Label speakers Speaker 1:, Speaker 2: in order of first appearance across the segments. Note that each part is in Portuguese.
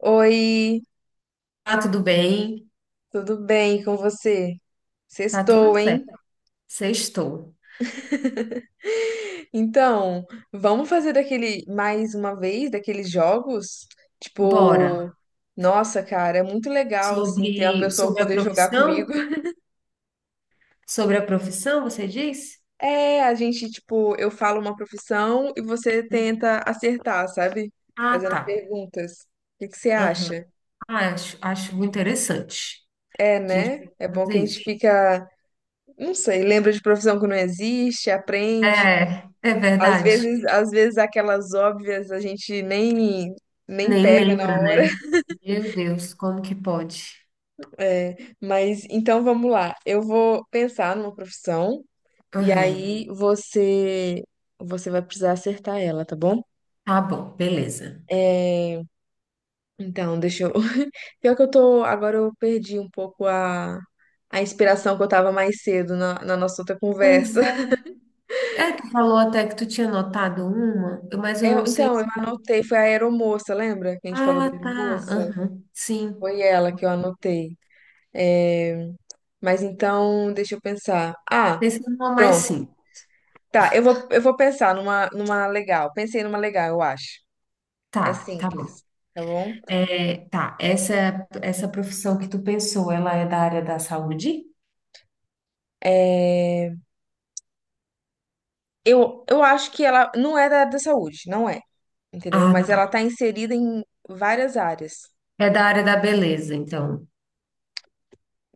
Speaker 1: Oi,
Speaker 2: Tá tudo bem,
Speaker 1: tudo bem com você?
Speaker 2: tá tudo
Speaker 1: Sextou, hein?
Speaker 2: certo. Sextou.
Speaker 1: Então, vamos fazer daquele mais uma vez daqueles jogos?
Speaker 2: Bora.
Speaker 1: Tipo, nossa, cara, é muito legal assim ter a
Speaker 2: Sobre,
Speaker 1: pessoa
Speaker 2: sobre a
Speaker 1: poder jogar comigo.
Speaker 2: profissão? Sobre a profissão, você disse?
Speaker 1: É, a gente, tipo, eu falo uma profissão e você tenta acertar, sabe?
Speaker 2: Ah,
Speaker 1: Fazendo
Speaker 2: tá.
Speaker 1: perguntas. O que você
Speaker 2: Aham.
Speaker 1: acha?
Speaker 2: Ah, acho muito interessante
Speaker 1: É,
Speaker 2: a gente
Speaker 1: né?
Speaker 2: pode
Speaker 1: É bom
Speaker 2: fazer
Speaker 1: que a gente
Speaker 2: isso.
Speaker 1: fica, não sei, lembra de profissão que não existe, aprende.
Speaker 2: É, é verdade.
Speaker 1: Às vezes aquelas óbvias a gente nem
Speaker 2: Nem
Speaker 1: pega na
Speaker 2: lembra,
Speaker 1: hora.
Speaker 2: né? Meu Deus, como que pode?
Speaker 1: É, mas então vamos lá. Eu vou pensar numa profissão e
Speaker 2: Aham.
Speaker 1: aí você vai precisar acertar ela, tá bom?
Speaker 2: Tá bom, beleza.
Speaker 1: É, então, deixa eu. Pior que eu tô. Agora eu perdi um pouco a inspiração que eu tava mais cedo na nossa outra
Speaker 2: Pois
Speaker 1: conversa.
Speaker 2: é. É, tu falou até que tu tinha notado uma, mas
Speaker 1: É,
Speaker 2: eu não sei.
Speaker 1: então, eu anotei, foi a aeromoça, lembra? Que a gente falou da
Speaker 2: Ah, tá.
Speaker 1: aeromoça?
Speaker 2: Aham. Sim.
Speaker 1: Foi ela que eu anotei. É, mas então, deixa eu pensar. Ah,
Speaker 2: Pensei numa mais
Speaker 1: pronto.
Speaker 2: simples.
Speaker 1: Tá, eu vou pensar numa legal. Pensei numa legal, eu acho. É
Speaker 2: Tá, tá bom.
Speaker 1: simples, tá bom?
Speaker 2: É, tá, essa profissão que tu pensou, ela é da área da saúde?
Speaker 1: É, eu acho que ela não é da área da saúde, não é, entendeu?
Speaker 2: Ah,
Speaker 1: Mas
Speaker 2: tá.
Speaker 1: ela tá inserida em várias áreas.
Speaker 2: É da área da beleza, então.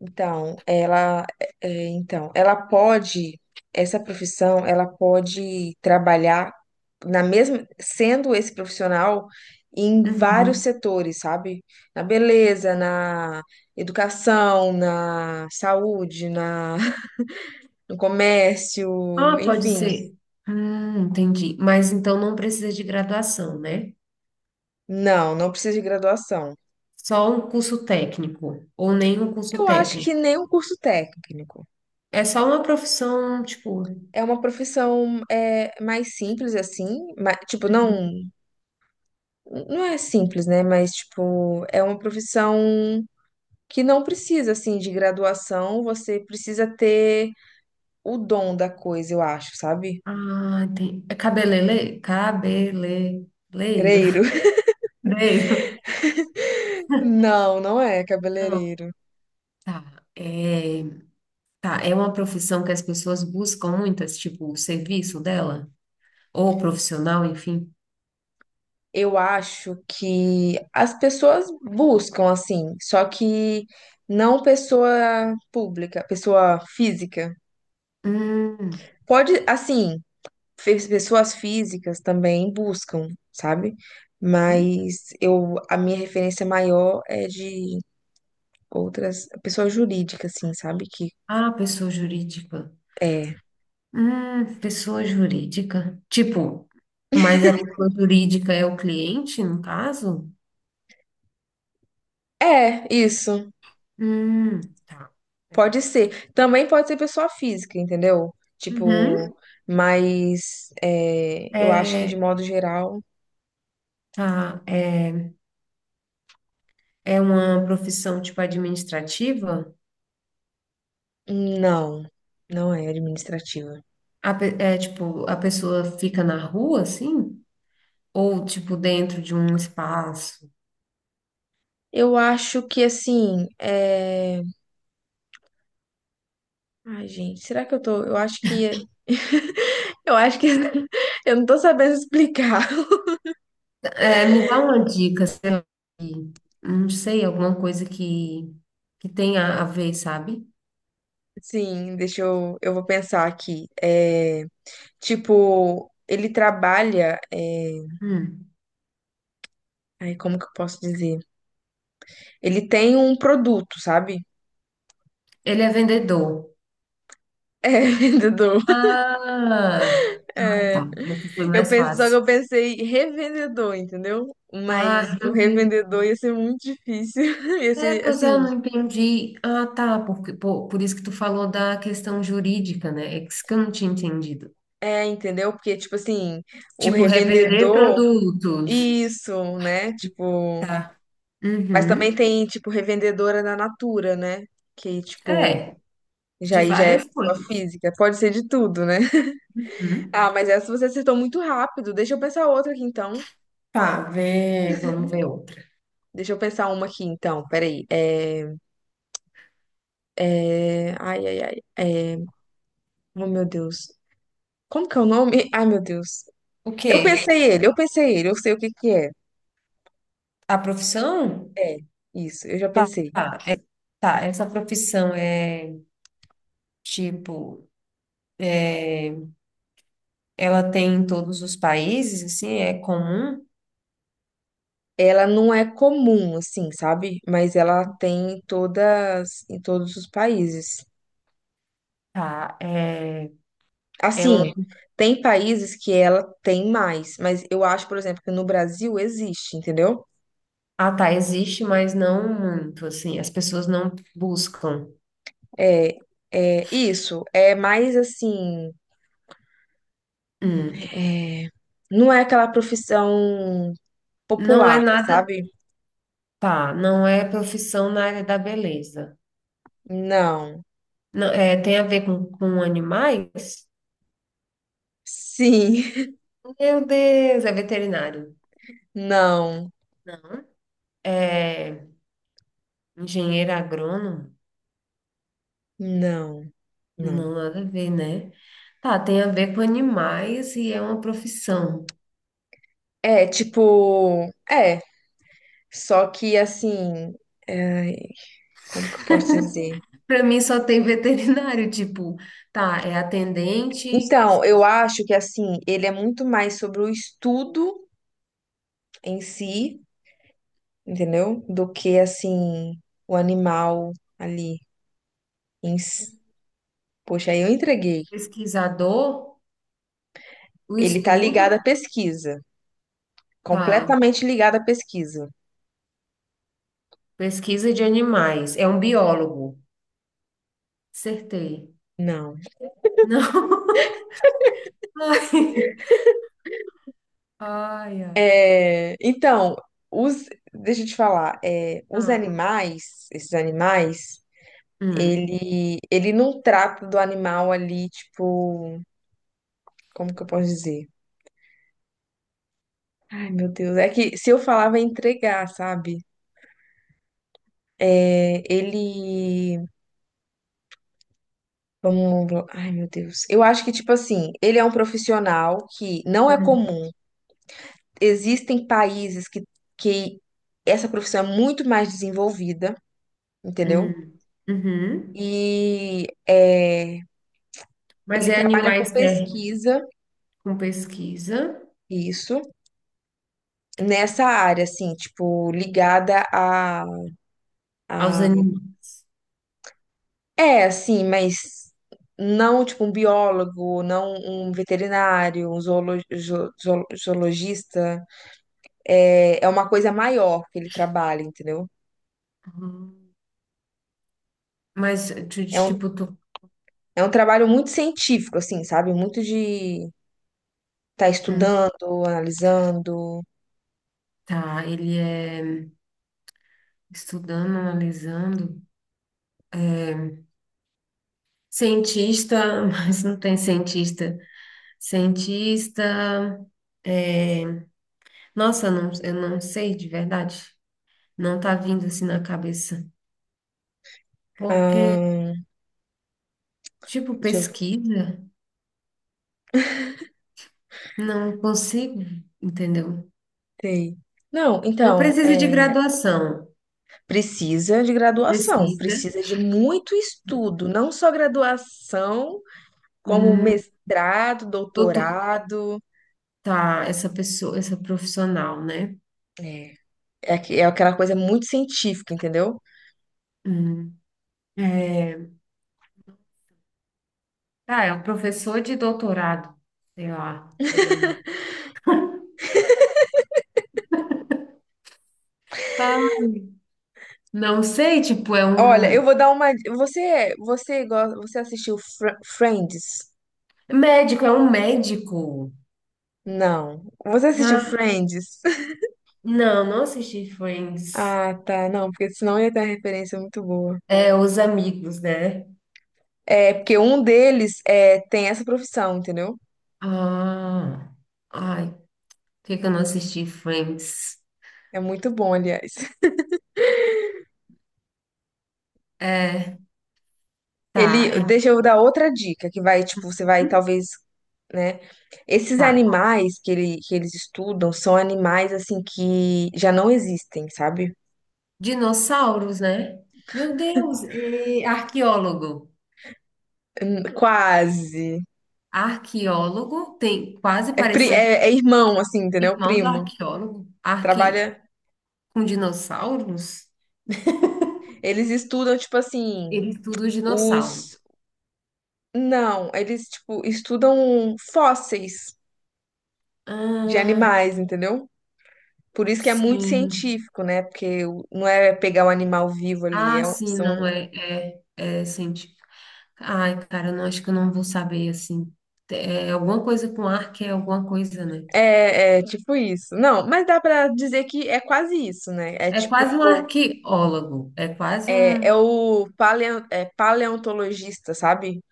Speaker 1: Então, ela, é, então, ela pode, essa profissão, ela pode trabalhar na mesma, sendo esse profissional em vários
Speaker 2: Uhum.
Speaker 1: setores, sabe? Na beleza, na educação, na saúde, na, no comércio,
Speaker 2: Ah, pode
Speaker 1: enfim.
Speaker 2: ser. Entendi. Mas então não precisa de graduação, né?
Speaker 1: Não, não precisa de graduação.
Speaker 2: Só um curso técnico, ou nem um curso
Speaker 1: Eu acho
Speaker 2: técnico.
Speaker 1: que nem um curso técnico.
Speaker 2: É só uma profissão, tipo.
Speaker 1: É uma profissão é, mais simples assim, tipo, não é simples, né? Mas, tipo, é uma profissão que não precisa, assim, de graduação, você precisa ter o dom da coisa, eu acho, sabe?
Speaker 2: Ah, entendi. É cabelele? Cabeleleiro.
Speaker 1: Cabeleireiro.
Speaker 2: Leiro.
Speaker 1: Não, não é
Speaker 2: Não,
Speaker 1: cabeleireiro.
Speaker 2: tá. É. Tá, é uma profissão que as pessoas buscam muitas, tipo, o serviço dela, ou profissional, enfim.
Speaker 1: Eu acho que as pessoas buscam, assim, só que não pessoa pública, pessoa física.
Speaker 2: Hum,
Speaker 1: Pode, assim, pessoas físicas também buscam, sabe?
Speaker 2: hum.
Speaker 1: Mas eu, a minha referência maior é de outras, pessoa jurídica, assim, sabe? Que
Speaker 2: Ah, pessoa jurídica.
Speaker 1: é.
Speaker 2: Pessoa jurídica. Tipo, mas a pessoa jurídica é o cliente, no caso?
Speaker 1: É, isso.
Speaker 2: Tá. É.
Speaker 1: Pode ser. Também pode ser pessoa física, entendeu? Tipo,
Speaker 2: Uhum.
Speaker 1: mas é, eu acho que de
Speaker 2: É,
Speaker 1: modo geral,
Speaker 2: tá, é uma profissão, tipo, administrativa?
Speaker 1: não. Não é administrativa.
Speaker 2: É, tipo, a pessoa fica na rua, assim? Ou, tipo, dentro de um espaço?
Speaker 1: Eu acho que assim, é... Ai, gente, será que eu tô? Eu acho que eu não tô sabendo explicar.
Speaker 2: É, me dá uma dica, sei lá, que- não sei, alguma coisa que, tenha a ver, sabe?
Speaker 1: Sim, eu vou pensar aqui. É, tipo, ele trabalha é,
Speaker 2: Hum.
Speaker 1: Aí, como que eu posso dizer? Ele tem um produto, sabe?
Speaker 2: Ele é vendedor.
Speaker 1: É vendedor.
Speaker 2: Ah, ah,
Speaker 1: É,
Speaker 2: tá. Essa foi
Speaker 1: eu
Speaker 2: mais
Speaker 1: pensei, só que
Speaker 2: fácil.
Speaker 1: eu pensei revendedor, entendeu? Mas
Speaker 2: Ah,
Speaker 1: o
Speaker 2: revendedor.
Speaker 1: revendedor ia ser muito difícil. Ia
Speaker 2: É,
Speaker 1: ser,
Speaker 2: pois é, eu
Speaker 1: assim,
Speaker 2: não entendi. Ah, tá, por isso que tu falou da questão jurídica, né? É isso que eu não tinha entendido.
Speaker 1: é, entendeu? Porque, tipo assim, o
Speaker 2: Tipo, revender
Speaker 1: revendedor,
Speaker 2: produtos.
Speaker 1: isso, né? Tipo,
Speaker 2: Tá.
Speaker 1: mas também
Speaker 2: Uhum.
Speaker 1: tem, tipo, revendedora da Natura, né? Que, tipo,
Speaker 2: É,
Speaker 1: já
Speaker 2: de
Speaker 1: aí já é
Speaker 2: várias
Speaker 1: pessoa
Speaker 2: coisas.
Speaker 1: física. Pode ser de tudo, né?
Speaker 2: Uhum.
Speaker 1: Ah, mas essa você acertou muito rápido. Deixa eu pensar outra aqui, então.
Speaker 2: Tá, vamos ver outra.
Speaker 1: Deixa eu pensar uma aqui, então. Peraí. Ai, ai, ai. É, oh, meu Deus. Como que é o nome? Ai, meu Deus.
Speaker 2: O
Speaker 1: Eu
Speaker 2: quê?
Speaker 1: pensei ele, eu pensei ele, eu sei o que é.
Speaker 2: A profissão?
Speaker 1: É, isso, eu já
Speaker 2: Tá.
Speaker 1: pensei.
Speaker 2: Tá, tá, essa profissão é tipo, ela tem em todos os países, assim, é comum?
Speaker 1: Ela não é comum, assim, sabe? Mas ela tem em todos os países.
Speaker 2: Tá. É
Speaker 1: Assim,
Speaker 2: uma-
Speaker 1: tem países que ela tem mais, mas eu acho, por exemplo, que no Brasil existe, entendeu?
Speaker 2: ah, tá, existe, mas não muito, assim, as pessoas não buscam.
Speaker 1: É, é isso. É mais assim.
Speaker 2: Hum.
Speaker 1: É, não é aquela profissão
Speaker 2: Não é
Speaker 1: popular,
Speaker 2: nada,
Speaker 1: sabe?
Speaker 2: tá, não é profissão na área da beleza.
Speaker 1: Não.
Speaker 2: Não, é, tem a ver com animais?
Speaker 1: Sim.
Speaker 2: Meu Deus, é veterinário.
Speaker 1: Não.
Speaker 2: Não. É engenheiro agrônomo?
Speaker 1: Não. Não.
Speaker 2: Não, nada a ver, né? Tá, tem a ver com animais e é uma profissão.
Speaker 1: É, tipo, é, só que assim, é, como que eu posso dizer?
Speaker 2: Para mim só tem veterinário, tipo, tá, é atendente,
Speaker 1: Então, eu acho que assim, ele é muito mais sobre o estudo em si, entendeu? Do que assim, o animal ali em si. Poxa, aí eu entreguei.
Speaker 2: pesquisador, o
Speaker 1: Ele tá ligado à
Speaker 2: estudo,
Speaker 1: pesquisa,
Speaker 2: tá,
Speaker 1: completamente ligado à pesquisa.
Speaker 2: pesquisa de animais, é um biólogo. Acertei.
Speaker 1: Não.
Speaker 2: Não. Ai, ai, ai.
Speaker 1: É, então, os, deixa eu te falar, é, os
Speaker 2: Ah,
Speaker 1: animais, esses animais,
Speaker 2: hum,
Speaker 1: ele não trata do animal ali, tipo, como que eu posso dizer? Ai, meu Deus, é que se eu falar vai entregar, sabe? É, ele, vamos, ai, meu Deus. Eu acho que, tipo assim, ele é um profissional que não é
Speaker 2: hum,
Speaker 1: comum. Existem países que essa profissão é muito mais desenvolvida, entendeu?
Speaker 2: hum, uhum.
Speaker 1: E é,
Speaker 2: Mas
Speaker 1: ele
Speaker 2: é
Speaker 1: trabalha com
Speaker 2: animais ter
Speaker 1: pesquisa,
Speaker 2: com pesquisa
Speaker 1: isso, nessa área, assim, tipo, ligada
Speaker 2: aos
Speaker 1: a...
Speaker 2: animais.
Speaker 1: É, assim, mas não, tipo, um biólogo, não um veterinário, um zoologista. É, é uma coisa maior que ele trabalha, entendeu?
Speaker 2: Uhum. Mas,
Speaker 1: É um,
Speaker 2: tipo, tu.
Speaker 1: é um trabalho muito científico, assim, sabe? Muito de estar
Speaker 2: Hum.
Speaker 1: estudando, analisando.
Speaker 2: Tá, ele é estudando, analisando. Cientista, mas não tem cientista. Cientista. É, Nossa, não, eu não sei de verdade. Não tá vindo assim na cabeça. Porque,
Speaker 1: Ahn,
Speaker 2: tipo,
Speaker 1: deixa eu
Speaker 2: pesquisa, não consigo, entendeu?
Speaker 1: ver. Não,
Speaker 2: Não
Speaker 1: então,
Speaker 2: precisa de
Speaker 1: é.
Speaker 2: graduação.
Speaker 1: Precisa de graduação,
Speaker 2: Pesquisa.
Speaker 1: precisa de muito estudo, não só graduação, como
Speaker 2: Hum,
Speaker 1: mestrado,
Speaker 2: doutor-
Speaker 1: doutorado.
Speaker 2: tá, essa pessoa, essa profissional, né?
Speaker 1: É, é, é aquela coisa muito científica, entendeu?
Speaker 2: Hum, é, ah, é um professor de doutorado, sei lá. Hum. Ah, não sei, tipo, é
Speaker 1: Olha, eu
Speaker 2: um
Speaker 1: vou dar uma. Você gosta, você assistiu Friends?
Speaker 2: médico, é um médico.
Speaker 1: Não. Você assistiu
Speaker 2: Ah,
Speaker 1: Friends?
Speaker 2: não, não assisti Friends.
Speaker 1: Ah, tá. Não, porque senão ia ter uma referência muito boa.
Speaker 2: É Os Amigos, né?
Speaker 1: É, porque um deles é, tem essa profissão, entendeu?
Speaker 2: Ah, ai, por que que eu não assisti Friends?
Speaker 1: É muito bom, aliás.
Speaker 2: É, tá,
Speaker 1: Ele,
Speaker 2: é,
Speaker 1: deixa eu dar outra dica que vai, tipo, você vai
Speaker 2: hum,
Speaker 1: talvez, né? Esses
Speaker 2: tá.
Speaker 1: animais que, ele, que eles estudam são animais assim que já não existem, sabe?
Speaker 2: Dinossauros, né? Meu Deus, é arqueólogo.
Speaker 1: Quase.
Speaker 2: Arqueólogo tem quase
Speaker 1: É,
Speaker 2: parecido com
Speaker 1: é, é irmão, assim,
Speaker 2: o
Speaker 1: entendeu?
Speaker 2: irmão do
Speaker 1: Primo.
Speaker 2: arqueólogo. Arque
Speaker 1: Trabalha.
Speaker 2: Com dinossauros?
Speaker 1: Eles estudam, tipo assim,
Speaker 2: Ele estuda os dinossauros.
Speaker 1: os. Não, eles, tipo, estudam fósseis de
Speaker 2: Ah,
Speaker 1: animais, entendeu? Por isso que é muito
Speaker 2: sim.
Speaker 1: científico, né? Porque não é pegar o animal vivo ali,
Speaker 2: Ah,
Speaker 1: é,
Speaker 2: sim, não,
Speaker 1: são
Speaker 2: é científico. Ai, cara, eu não acho que eu não vou saber, assim. É alguma coisa com arque, é alguma coisa, né?
Speaker 1: é, é tipo isso. Não, mas dá pra dizer que é quase isso, né? É
Speaker 2: É
Speaker 1: tipo,
Speaker 2: quase um arqueólogo, é quase
Speaker 1: é, é
Speaker 2: um...
Speaker 1: o paleo, é paleontologista, sabe?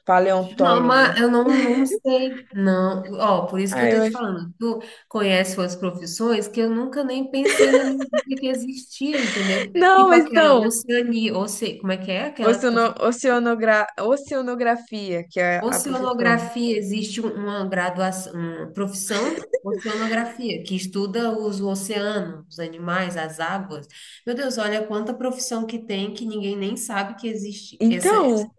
Speaker 2: Não, mas
Speaker 1: Paleontólogo.
Speaker 2: eu não sei, não. Ó, por isso que
Speaker 1: Ah,
Speaker 2: eu tô
Speaker 1: eu
Speaker 2: te
Speaker 1: acho.
Speaker 2: falando, tu conhece suas profissões que eu nunca nem pensei na minha vida que existia, entendeu?
Speaker 1: Não,
Speaker 2: Tipo
Speaker 1: mas
Speaker 2: aquela
Speaker 1: então,
Speaker 2: oceania, oce... como é que é? Aquela que tu.
Speaker 1: oceano, oceanogra, oceanografia, que é a profissão.
Speaker 2: Oceanografia, existe uma graduação, uma profissão, oceanografia, que estuda os oceanos, os animais, as águas. Meu Deus, olha quanta profissão que tem que ninguém nem sabe que existe. Essa,
Speaker 1: Então,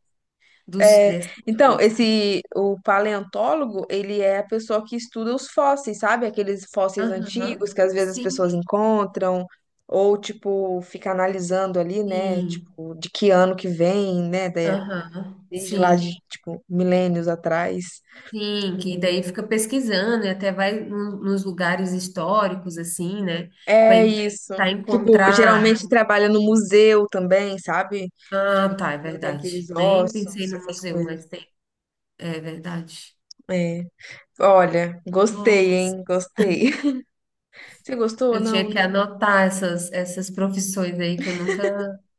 Speaker 2: dos, desse,
Speaker 1: então,
Speaker 2: não sabe?
Speaker 1: esse o paleontólogo, ele é a pessoa que estuda os fósseis, sabe? Aqueles fósseis antigos
Speaker 2: Aham,
Speaker 1: que às vezes as pessoas
Speaker 2: sim,
Speaker 1: encontram, ou tipo, fica analisando ali, né?
Speaker 2: sim.
Speaker 1: Tipo, de que ano que vem, né?
Speaker 2: Aham,
Speaker 1: Desde lá de,
Speaker 2: sim,
Speaker 1: tipo, milênios atrás.
Speaker 2: sim. Que daí fica pesquisando e até vai nos lugares históricos, assim, né?
Speaker 1: É
Speaker 2: Vai
Speaker 1: isso.
Speaker 2: tentar
Speaker 1: Tipo,
Speaker 2: encontrar.
Speaker 1: geralmente trabalha no museu também, sabe? Que
Speaker 2: Ah,
Speaker 1: o
Speaker 2: tá, é
Speaker 1: museu tem aqueles
Speaker 2: verdade. Nem pensei
Speaker 1: ossos,
Speaker 2: no
Speaker 1: essas
Speaker 2: museu,
Speaker 1: coisas.
Speaker 2: mas tem. É verdade.
Speaker 1: É. Olha, gostei,
Speaker 2: Nossa,
Speaker 1: hein? Gostei. Você gostou?
Speaker 2: eu tinha
Speaker 1: Não,
Speaker 2: que
Speaker 1: né?
Speaker 2: anotar essas profissões aí que eu nunca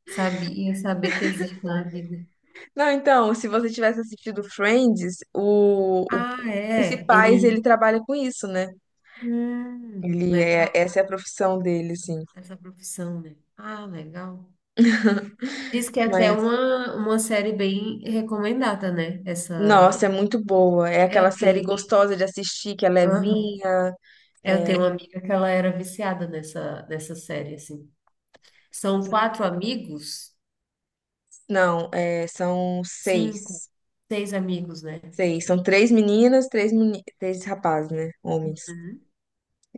Speaker 2: sabia saber que existem na vida.
Speaker 1: Não, então, se você tivesse assistido Friends, o
Speaker 2: Ah, é.
Speaker 1: principais ele
Speaker 2: Ele.
Speaker 1: trabalha com isso, né? Ele é,
Speaker 2: Legal
Speaker 1: essa é a profissão dele, assim.
Speaker 2: essa profissão, né? Ah, legal. Diz que é até
Speaker 1: Mas,
Speaker 2: uma série bem recomendada, né? Essa.
Speaker 1: nossa, é muito boa. É
Speaker 2: É,
Speaker 1: aquela
Speaker 2: eu
Speaker 1: série
Speaker 2: tenho.
Speaker 1: gostosa de assistir, que é
Speaker 2: Aham.
Speaker 1: levinha.
Speaker 2: É, eu
Speaker 1: É,
Speaker 2: tenho uma amiga que ela era viciada nessa série, assim. São quatro amigos,
Speaker 1: não, é, são
Speaker 2: cinco,
Speaker 1: seis.
Speaker 2: seis amigos, né?
Speaker 1: Seis. São três meninas, três rapazes, né? Homens.
Speaker 2: Uhum.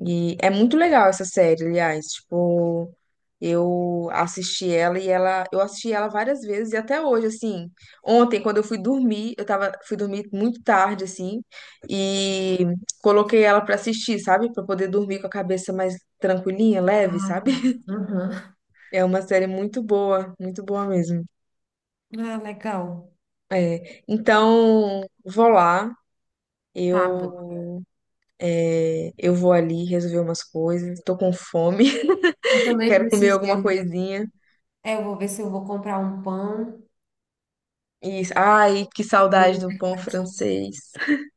Speaker 1: E é muito legal essa série, aliás. Tipo, eu assisti eu assisti ela várias vezes e até hoje, assim, ontem quando eu fui dormir, eu tava, fui dormir muito tarde, assim, e coloquei ela pra assistir, sabe? Pra poder dormir com a cabeça mais tranquilinha, leve,
Speaker 2: Ah, tá.
Speaker 1: sabe?
Speaker 2: Aham.
Speaker 1: É uma série muito boa mesmo.
Speaker 2: Ah, legal.
Speaker 1: É, então, vou lá,
Speaker 2: Tá bom.
Speaker 1: eu, é, eu vou ali resolver umas coisas, tô com fome,
Speaker 2: Eu também
Speaker 1: quero comer
Speaker 2: preciso ir
Speaker 1: alguma
Speaker 2: ali,
Speaker 1: coisinha.
Speaker 2: é, eu vou ver se eu vou comprar um pão
Speaker 1: E, ai, que
Speaker 2: ali
Speaker 1: saudade
Speaker 2: no
Speaker 1: do pão
Speaker 2: mercadinho.
Speaker 1: francês.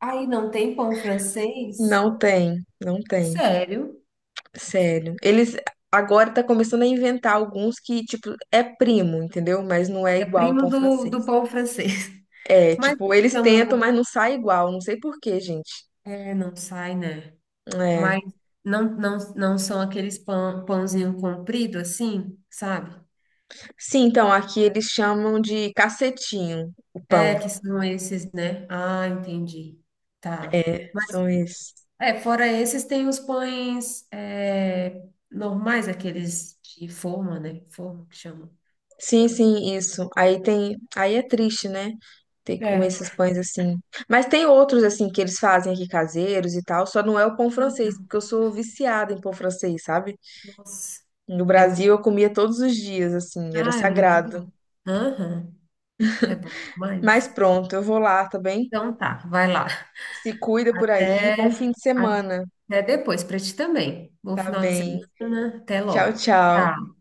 Speaker 2: Aí não tem pão francês?
Speaker 1: Não tem,
Speaker 2: Sério?
Speaker 1: sério. Eles agora tá começando a inventar alguns que, tipo, é primo, entendeu? Mas não é
Speaker 2: É
Speaker 1: igual ao
Speaker 2: primo
Speaker 1: pão
Speaker 2: do
Speaker 1: francês.
Speaker 2: pão francês.
Speaker 1: É,
Speaker 2: Mas
Speaker 1: tipo, eles
Speaker 2: chamam
Speaker 1: tentam, mas
Speaker 2: muito.
Speaker 1: não sai igual, não sei por quê, gente.
Speaker 2: É, não sai, né? Mas
Speaker 1: É.
Speaker 2: não, não, não são aqueles pão, pãozinho comprido assim, sabe?
Speaker 1: Sim, então aqui eles chamam de cacetinho o
Speaker 2: É,
Speaker 1: pão.
Speaker 2: que são esses, né? Ah, entendi. Tá.
Speaker 1: É, são esses.
Speaker 2: É, fora esses, tem os pães é, normais, aqueles de forma, né? Forma que chama.
Speaker 1: Sim, isso. Aí tem, aí é triste, né? Ter que comer
Speaker 2: É.
Speaker 1: esses pães assim. Mas tem outros assim que eles fazem aqui caseiros e tal, só não é o pão
Speaker 2: Ah,
Speaker 1: francês, porque eu sou viciada em pão francês, sabe?
Speaker 2: Nossa,
Speaker 1: No
Speaker 2: é
Speaker 1: Brasil
Speaker 2: muito,
Speaker 1: eu comia todos os dias, assim, era
Speaker 2: é muito
Speaker 1: sagrado.
Speaker 2: bom. Aham, é bom
Speaker 1: Mas
Speaker 2: demais.
Speaker 1: pronto, eu vou lá, tá bem?
Speaker 2: Então tá, vai lá.
Speaker 1: Se cuida por aí, bom fim
Speaker 2: Até,
Speaker 1: de semana,
Speaker 2: até depois, para ti também. Bom
Speaker 1: tá
Speaker 2: final de
Speaker 1: bem?
Speaker 2: semana, até
Speaker 1: Tchau,
Speaker 2: logo.
Speaker 1: tchau.
Speaker 2: Tchau.